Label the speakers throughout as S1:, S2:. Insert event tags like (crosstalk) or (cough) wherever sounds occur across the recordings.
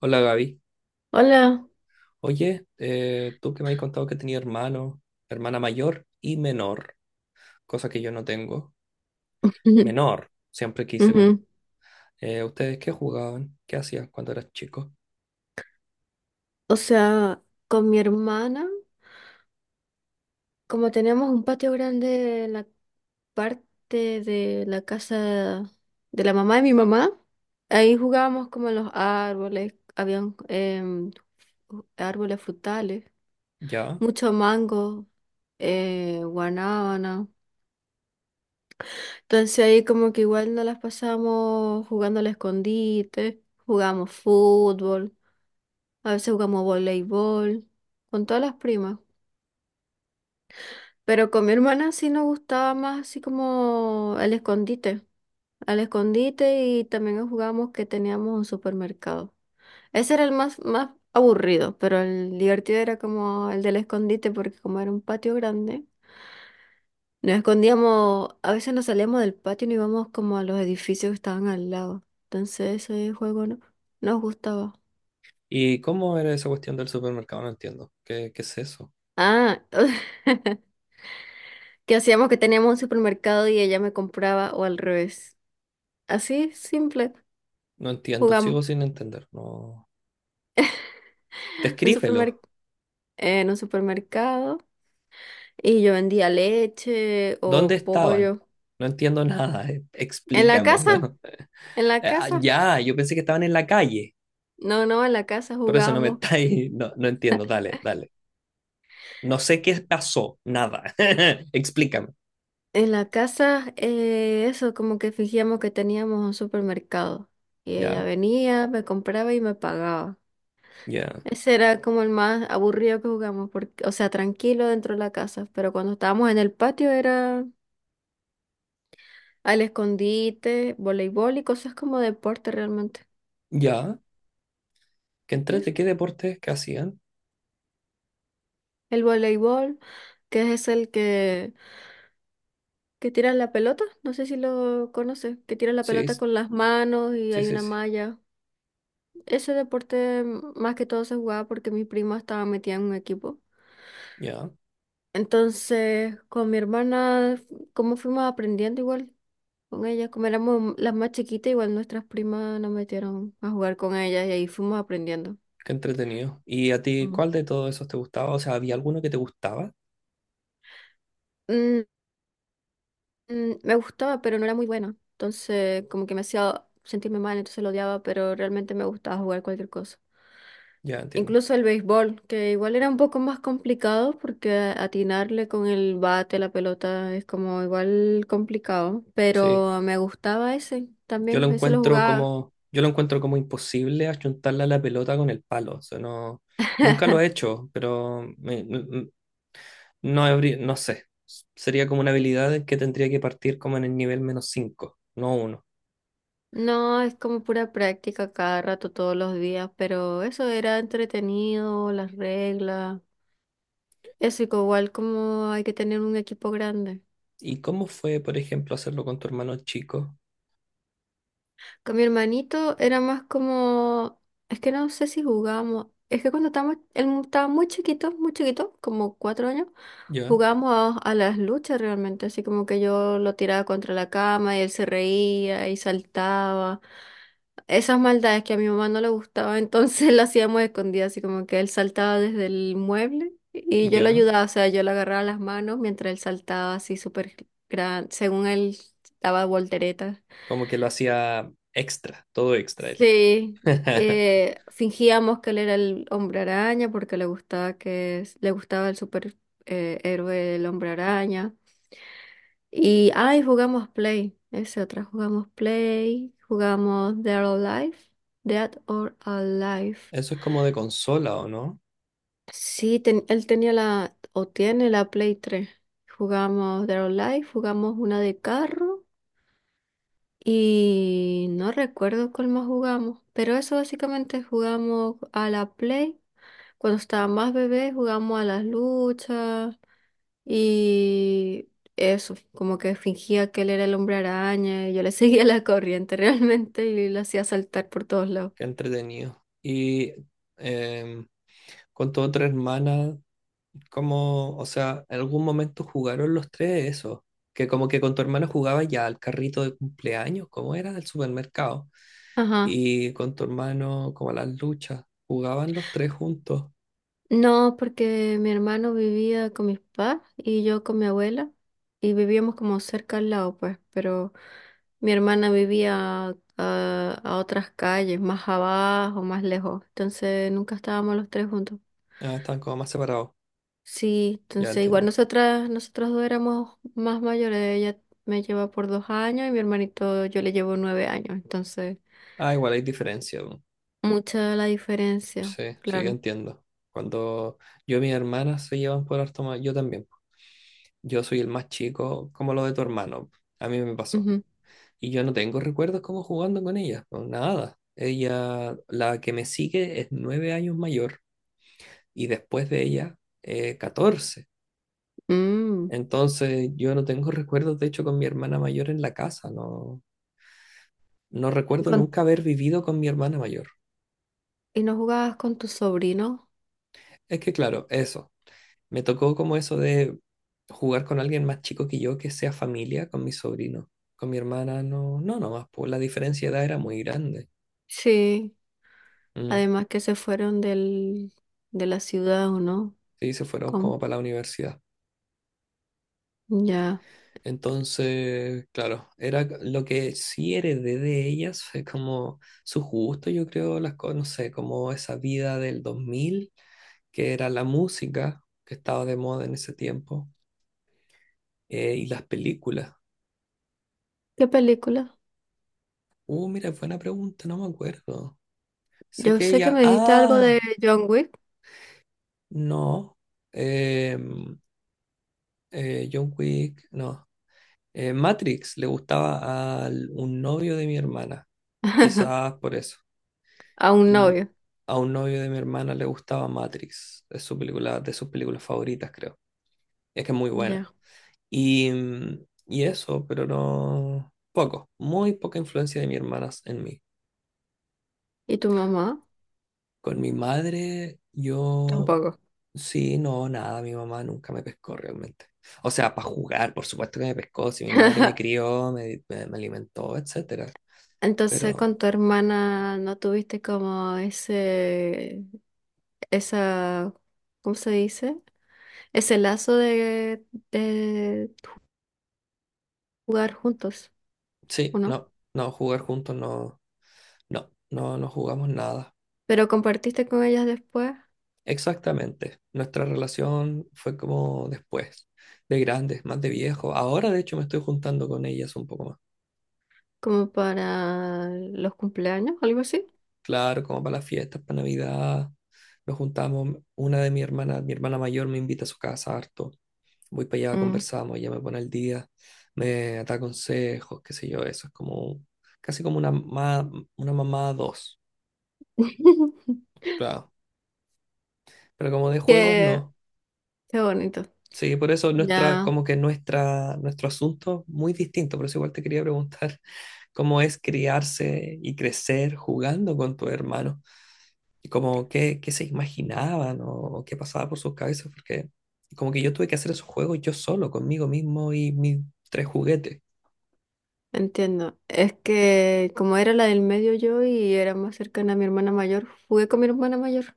S1: Hola Gaby.
S2: Hola.
S1: Oye, tú que me has contado que tenía hermano, hermana mayor y menor, cosa que yo no tengo.
S2: (laughs)
S1: Menor, siempre quise uno.
S2: Ujú.
S1: ¿Ustedes qué jugaban? ¿Qué hacían cuando eras chico?
S2: O sea, con mi hermana, como teníamos un patio grande en la parte de la casa de la mamá de mi mamá, ahí jugábamos como en los árboles, habían árboles frutales,
S1: ¿Ya?
S2: mucho mango, guanábana. Entonces ahí como que igual nos las pasamos jugando al escondite, jugamos fútbol, a veces jugamos voleibol, con todas las primas. Pero con mi hermana sí nos gustaba más así como el escondite. Al escondite y también jugábamos que teníamos un supermercado. Ese era el más aburrido, pero el divertido era como el del escondite porque como era un patio grande, nos escondíamos, a veces nos salíamos del patio y nos íbamos como a los edificios que estaban al lado. Entonces ese juego no, nos gustaba.
S1: ¿Y cómo era esa cuestión del supermercado? No entiendo. ¿Qué es eso?
S2: Ah, (laughs) que hacíamos que teníamos un supermercado y ella me compraba o al revés. Así simple.
S1: No entiendo,
S2: jugamos
S1: sigo sin entender. No.
S2: un supermer-
S1: Descríbelo.
S2: en un supermercado y yo vendía leche
S1: ¿Dónde
S2: o
S1: estaban?
S2: pollo.
S1: No entiendo nada.
S2: En la casa,
S1: Explícamelo.
S2: en
S1: (laughs)
S2: la
S1: Ah,
S2: casa.
S1: ya, yo pensé que estaban en la calle.
S2: No, no, en la casa
S1: Por eso no me (laughs)
S2: jugábamos.
S1: estáis. No, no entiendo. Dale, dale. No sé qué pasó, nada. (laughs) Explícame.
S2: En la casa, eso, como que fingíamos que teníamos un supermercado. Y ella
S1: Ya,
S2: venía, me compraba y me pagaba.
S1: ya,
S2: Ese era como el más aburrido que jugamos, porque, o sea, tranquilo dentro de la casa, pero cuando estábamos en el patio era al escondite, voleibol y cosas como deporte realmente.
S1: ya.
S2: Eso.
S1: Qué deportes que hacían.
S2: El voleibol. Que es el Que tira la pelota, no sé si lo conoces, que tira la pelota
S1: Sí,
S2: con las manos y
S1: sí,
S2: hay
S1: sí,
S2: una
S1: sí.
S2: malla. Ese deporte más que todo se jugaba porque mi prima estaba metida en un equipo.
S1: Ya,
S2: Entonces, con mi hermana, como fuimos aprendiendo igual con ella, como éramos las más chiquitas, igual nuestras primas nos metieron a jugar con ellas y ahí fuimos aprendiendo.
S1: qué entretenido. ¿Y a ti
S2: Mm.
S1: cuál de todos esos te gustaba? O sea, ¿había alguno que te gustaba?
S2: Mm, Me gustaba, pero no era muy buena. Entonces, como que me hacía sentirme mal, entonces lo odiaba, pero realmente me gustaba jugar cualquier cosa.
S1: Ya entiendo.
S2: Incluso el béisbol, que igual era un poco más complicado porque atinarle con el bate, la pelota, es como igual complicado,
S1: Sí.
S2: pero me gustaba ese
S1: Yo lo
S2: también, ese lo
S1: encuentro
S2: jugaba.
S1: como, yo lo encuentro como imposible achuntarle a la pelota con el palo. O sea, no, nunca lo he hecho, pero no, no sé. Sería como una habilidad que tendría que partir como en el nivel menos 5, no uno.
S2: No, es como pura práctica cada rato, todos los días, pero eso era entretenido, las reglas. Eso y que igual como hay que tener un equipo grande.
S1: ¿Y cómo fue, por ejemplo, hacerlo con tu hermano chico?
S2: Con mi hermanito era más como, es que no sé si jugábamos, es que cuando estábamos, estaba muy chiquito, como 4 años,
S1: Ya,
S2: jugábamos a las luchas realmente, así como que yo lo tiraba contra la cama y él se reía y saltaba. Esas maldades que a mi mamá no le gustaba, entonces (laughs) las hacíamos escondidas, así como que él saltaba desde el mueble y yo lo
S1: ya.
S2: ayudaba, o sea, yo le agarraba las manos mientras él saltaba así súper gran, según él daba volteretas.
S1: Como que lo hacía extra, todo extra él.
S2: Sí,
S1: (laughs)
S2: fingíamos que él era el hombre araña porque le gustaba el super héroe el hombre araña. Y ay, jugamos Play, jugamos Dead or Alive, Dead or Alive.
S1: Eso es como de consola, ¿o no?
S2: Sí, él tenía la, o tiene la Play tres. Jugamos Dead or Alive, jugamos una de carro y no recuerdo cuál más jugamos, pero eso básicamente jugamos a la Play. Cuando estaba más bebé jugamos a las luchas y eso, como que fingía que él era el hombre araña y yo le (laughs) seguía la corriente realmente y lo hacía saltar por todos lados.
S1: Qué entretenido. Y em, con tu otra hermana, ¿cómo, o sea, en algún momento jugaron los tres eso? Que como que con tu hermana jugaba ya al carrito de cumpleaños, ¿cómo era? Del supermercado.
S2: Ajá.
S1: Y con tu hermano, como a las luchas, jugaban los tres juntos.
S2: No, porque mi hermano vivía con mis papás y yo con mi abuela y vivíamos como cerca al lado, pues, pero mi hermana vivía ah, a otras calles, más abajo, más lejos, entonces nunca estábamos los tres juntos.
S1: Ah, estaban como más separados.
S2: Sí,
S1: Ya
S2: entonces
S1: entiendo.
S2: nosotros dos éramos más mayores. Ella me lleva por 2 años y mi hermanito yo le llevo 9 años. Entonces,
S1: Ah, igual hay diferencia, po.
S2: mucha la diferencia,
S1: Sí, sí,
S2: claro.
S1: entiendo. Cuando yo y mis hermanas se llevan por harto más, yo también. Yo soy el más chico, como lo de tu hermano. A mí me pasó.
S2: Ujú.
S1: Y yo no tengo recuerdos como jugando con ella, no, nada. Ella, la que me sigue es 9 años mayor y después de ella, 14.
S2: Mm.
S1: Entonces yo no tengo recuerdos, de hecho, con mi hermana mayor en la casa. No, no recuerdo
S2: Con-
S1: nunca haber vivido con mi hermana mayor.
S2: ¿Y no jugabas con tu sobrino?
S1: Es que claro, eso. Me tocó como eso de jugar con alguien más chico que yo que sea familia, con mi sobrino. Con mi hermana no, no, no más pues la diferencia de edad era muy grande.
S2: Sí,
S1: Mm.
S2: además que se fueron del, de la ciudad, ¿o no?
S1: Sí, se fueron
S2: Con,
S1: como para la universidad.
S2: ya.
S1: Entonces, claro, era lo que sí heredé de ellas, fue como su gusto, yo creo, las cosas, no sé, como esa vida del 2000 que era la música que estaba de moda en ese tiempo, y las películas.
S2: ¿Qué película?
S1: Mira, buena pregunta, no me acuerdo. Sé
S2: Yo
S1: que
S2: sé que
S1: ella,
S2: me dijiste algo de John Wick.
S1: no. Eh, John Wick, no. Matrix le gustaba a un novio de mi hermana.
S2: (laughs)
S1: Quizás por eso.
S2: A un
S1: Y
S2: novio.
S1: a un novio de mi hermana le gustaba Matrix. Es su película, de sus películas favoritas, creo. Es que es muy buena.
S2: Ya.
S1: Y eso, pero no. Poco. Muy poca influencia de mi hermana en mí.
S2: ¿Y tu mamá?
S1: Con mi madre, yo
S2: Tampoco.
S1: Sí, no, nada, mi mamá nunca me pescó realmente. O sea, para jugar, por supuesto que me pescó, si mi madre me
S2: (laughs)
S1: crió, me alimentó, etcétera.
S2: Entonces
S1: Pero
S2: con tu hermana no tuviste como ese, esa, ¿cómo se dice? Ese lazo de jugar juntos, ¿o
S1: sí,
S2: no?
S1: no, no, jugar juntos no, no, no, no jugamos nada.
S2: Pero compartiste con ellas después,
S1: Exactamente. Nuestra relación fue como después, de grandes, más de viejo. Ahora, de hecho, me estoy juntando con ellas un poco más.
S2: como para los cumpleaños, algo así.
S1: Claro, como para las fiestas, para Navidad, nos juntamos. Una de mi hermana mayor me invita a su casa harto. Voy para allá,
S2: Mm.
S1: conversamos, ella me pone al día, me da consejos, qué sé yo, eso es como casi como una mamá dos,
S2: (laughs)
S1: claro. Pero como de juegos,
S2: Qué,
S1: no.
S2: qué bonito.
S1: Sí, por eso nuestra,
S2: Ya.
S1: como que nuestra, nuestro asunto es muy distinto, por eso igual te quería preguntar (laughs) cómo es criarse y crecer jugando con tu hermano, y como qué se imaginaban o qué pasaba por sus cabezas, porque como que yo tuve que hacer esos juegos yo solo, conmigo mismo y mis tres juguetes.
S2: Entiendo. Es que como era la del medio yo y era más cercana a mi hermana mayor, jugué con mi hermana mayor.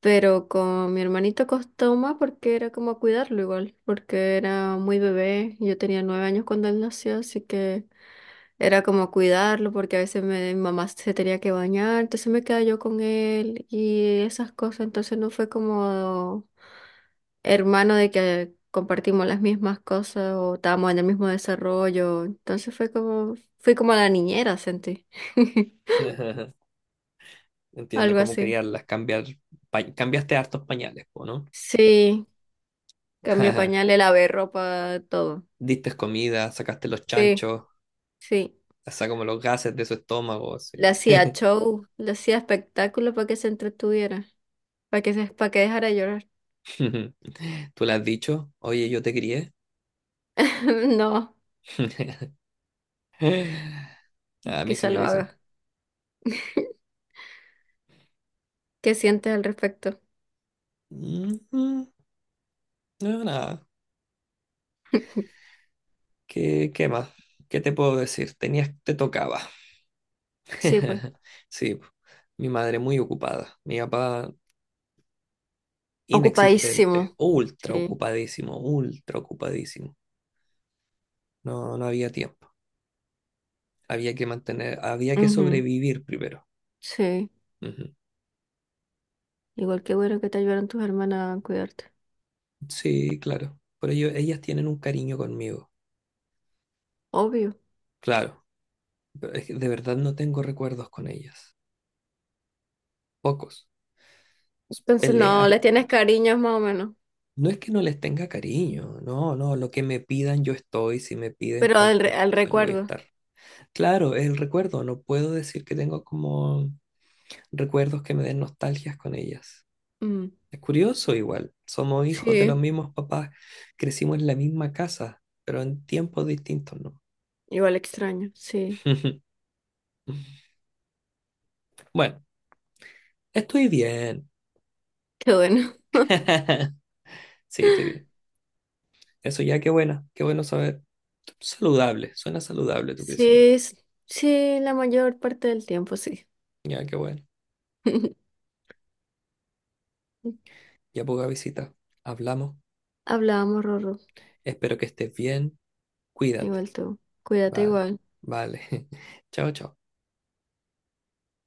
S2: Pero con mi hermanito costó más porque era como cuidarlo igual, porque era muy bebé. Yo tenía 9 años cuando él nació, así que era como cuidarlo porque a veces mi mamá se tenía que bañar, entonces me quedaba yo con él y esas cosas. Entonces no fue como hermano de que compartimos las mismas cosas o estábamos en el mismo desarrollo. Entonces fue como, fui como la niñera, sentí. (laughs)
S1: (laughs) Entiendo
S2: Algo
S1: cómo
S2: así.
S1: criarlas, cambiar, cambiaste hartos pañales, po, ¿no?
S2: Sí, cambié
S1: (laughs)
S2: pañales, lavé ropa, todo.
S1: Diste comida, sacaste los
S2: Sí,
S1: chanchos,
S2: sí.
S1: hasta como los gases de su estómago, sí.
S2: Le hacía
S1: (laughs)
S2: show, le hacía espectáculo para que se entretuviera, para que dejara de llorar.
S1: ¿Tú le has dicho? Oye, yo te crié.
S2: (laughs) No,
S1: (laughs) A mí sí
S2: quizá
S1: me
S2: lo
S1: dicen.
S2: haga. (laughs) ¿Qué sientes al respecto?
S1: Ujú. No, nada.
S2: (laughs)
S1: ¿Qué más? ¿Qué te puedo decir? Tenías, te tocaba.
S2: Sí, pues.
S1: (laughs) Sí, po. Mi madre muy ocupada, mi papá inexistente,
S2: Ocupadísimo.
S1: ultra
S2: Sí.
S1: ocupadísimo, ultra ocupadísimo. No, no había tiempo. Había que mantener, había que
S2: Ujú.
S1: sobrevivir primero.
S2: Sí.
S1: Ujú.
S2: Igual que bueno que te ayudaron tus hermanas a cuidarte.
S1: Sí, claro. Por ello, ellas tienen un cariño conmigo.
S2: Obvio.
S1: Claro. Pero es que de verdad no tengo recuerdos con ellas. Pocos.
S2: Entonces no,
S1: Peleas
S2: le tienes
S1: incluso.
S2: cariño más o menos,
S1: No es que no les tenga cariño. No, no. Lo que me pidan, yo estoy. Si me piden
S2: pero
S1: cualquier
S2: al
S1: cosa, yo voy a
S2: recuerdo.
S1: estar. Claro, es el recuerdo. No puedo decir que tengo como recuerdos que me den nostalgias con ellas.
S2: Mm,
S1: Es curioso igual, somos hijos de los
S2: sí,
S1: mismos papás, crecimos en la misma casa, pero en tiempos distintos, ¿no?
S2: igual extraño, sí.
S1: (laughs) Bueno, estoy bien.
S2: (laughs) Qué bueno.
S1: (laughs) Sí, estoy bien. Eso ya, qué bueno saber. Saludable, suena saludable tu
S2: Sí,
S1: crecimiento.
S2: s- sí, la mayor parte del tiempo sí.
S1: Ya, qué bueno.
S2: (laughs)
S1: Ya poca visita. Hablamos.
S2: Hablábamos, Rorro,
S1: Espero que estés bien. Cuídate.
S2: igual tú. Cuídate
S1: Vale,
S2: igual.
S1: vale. (laughs) Chao, chao.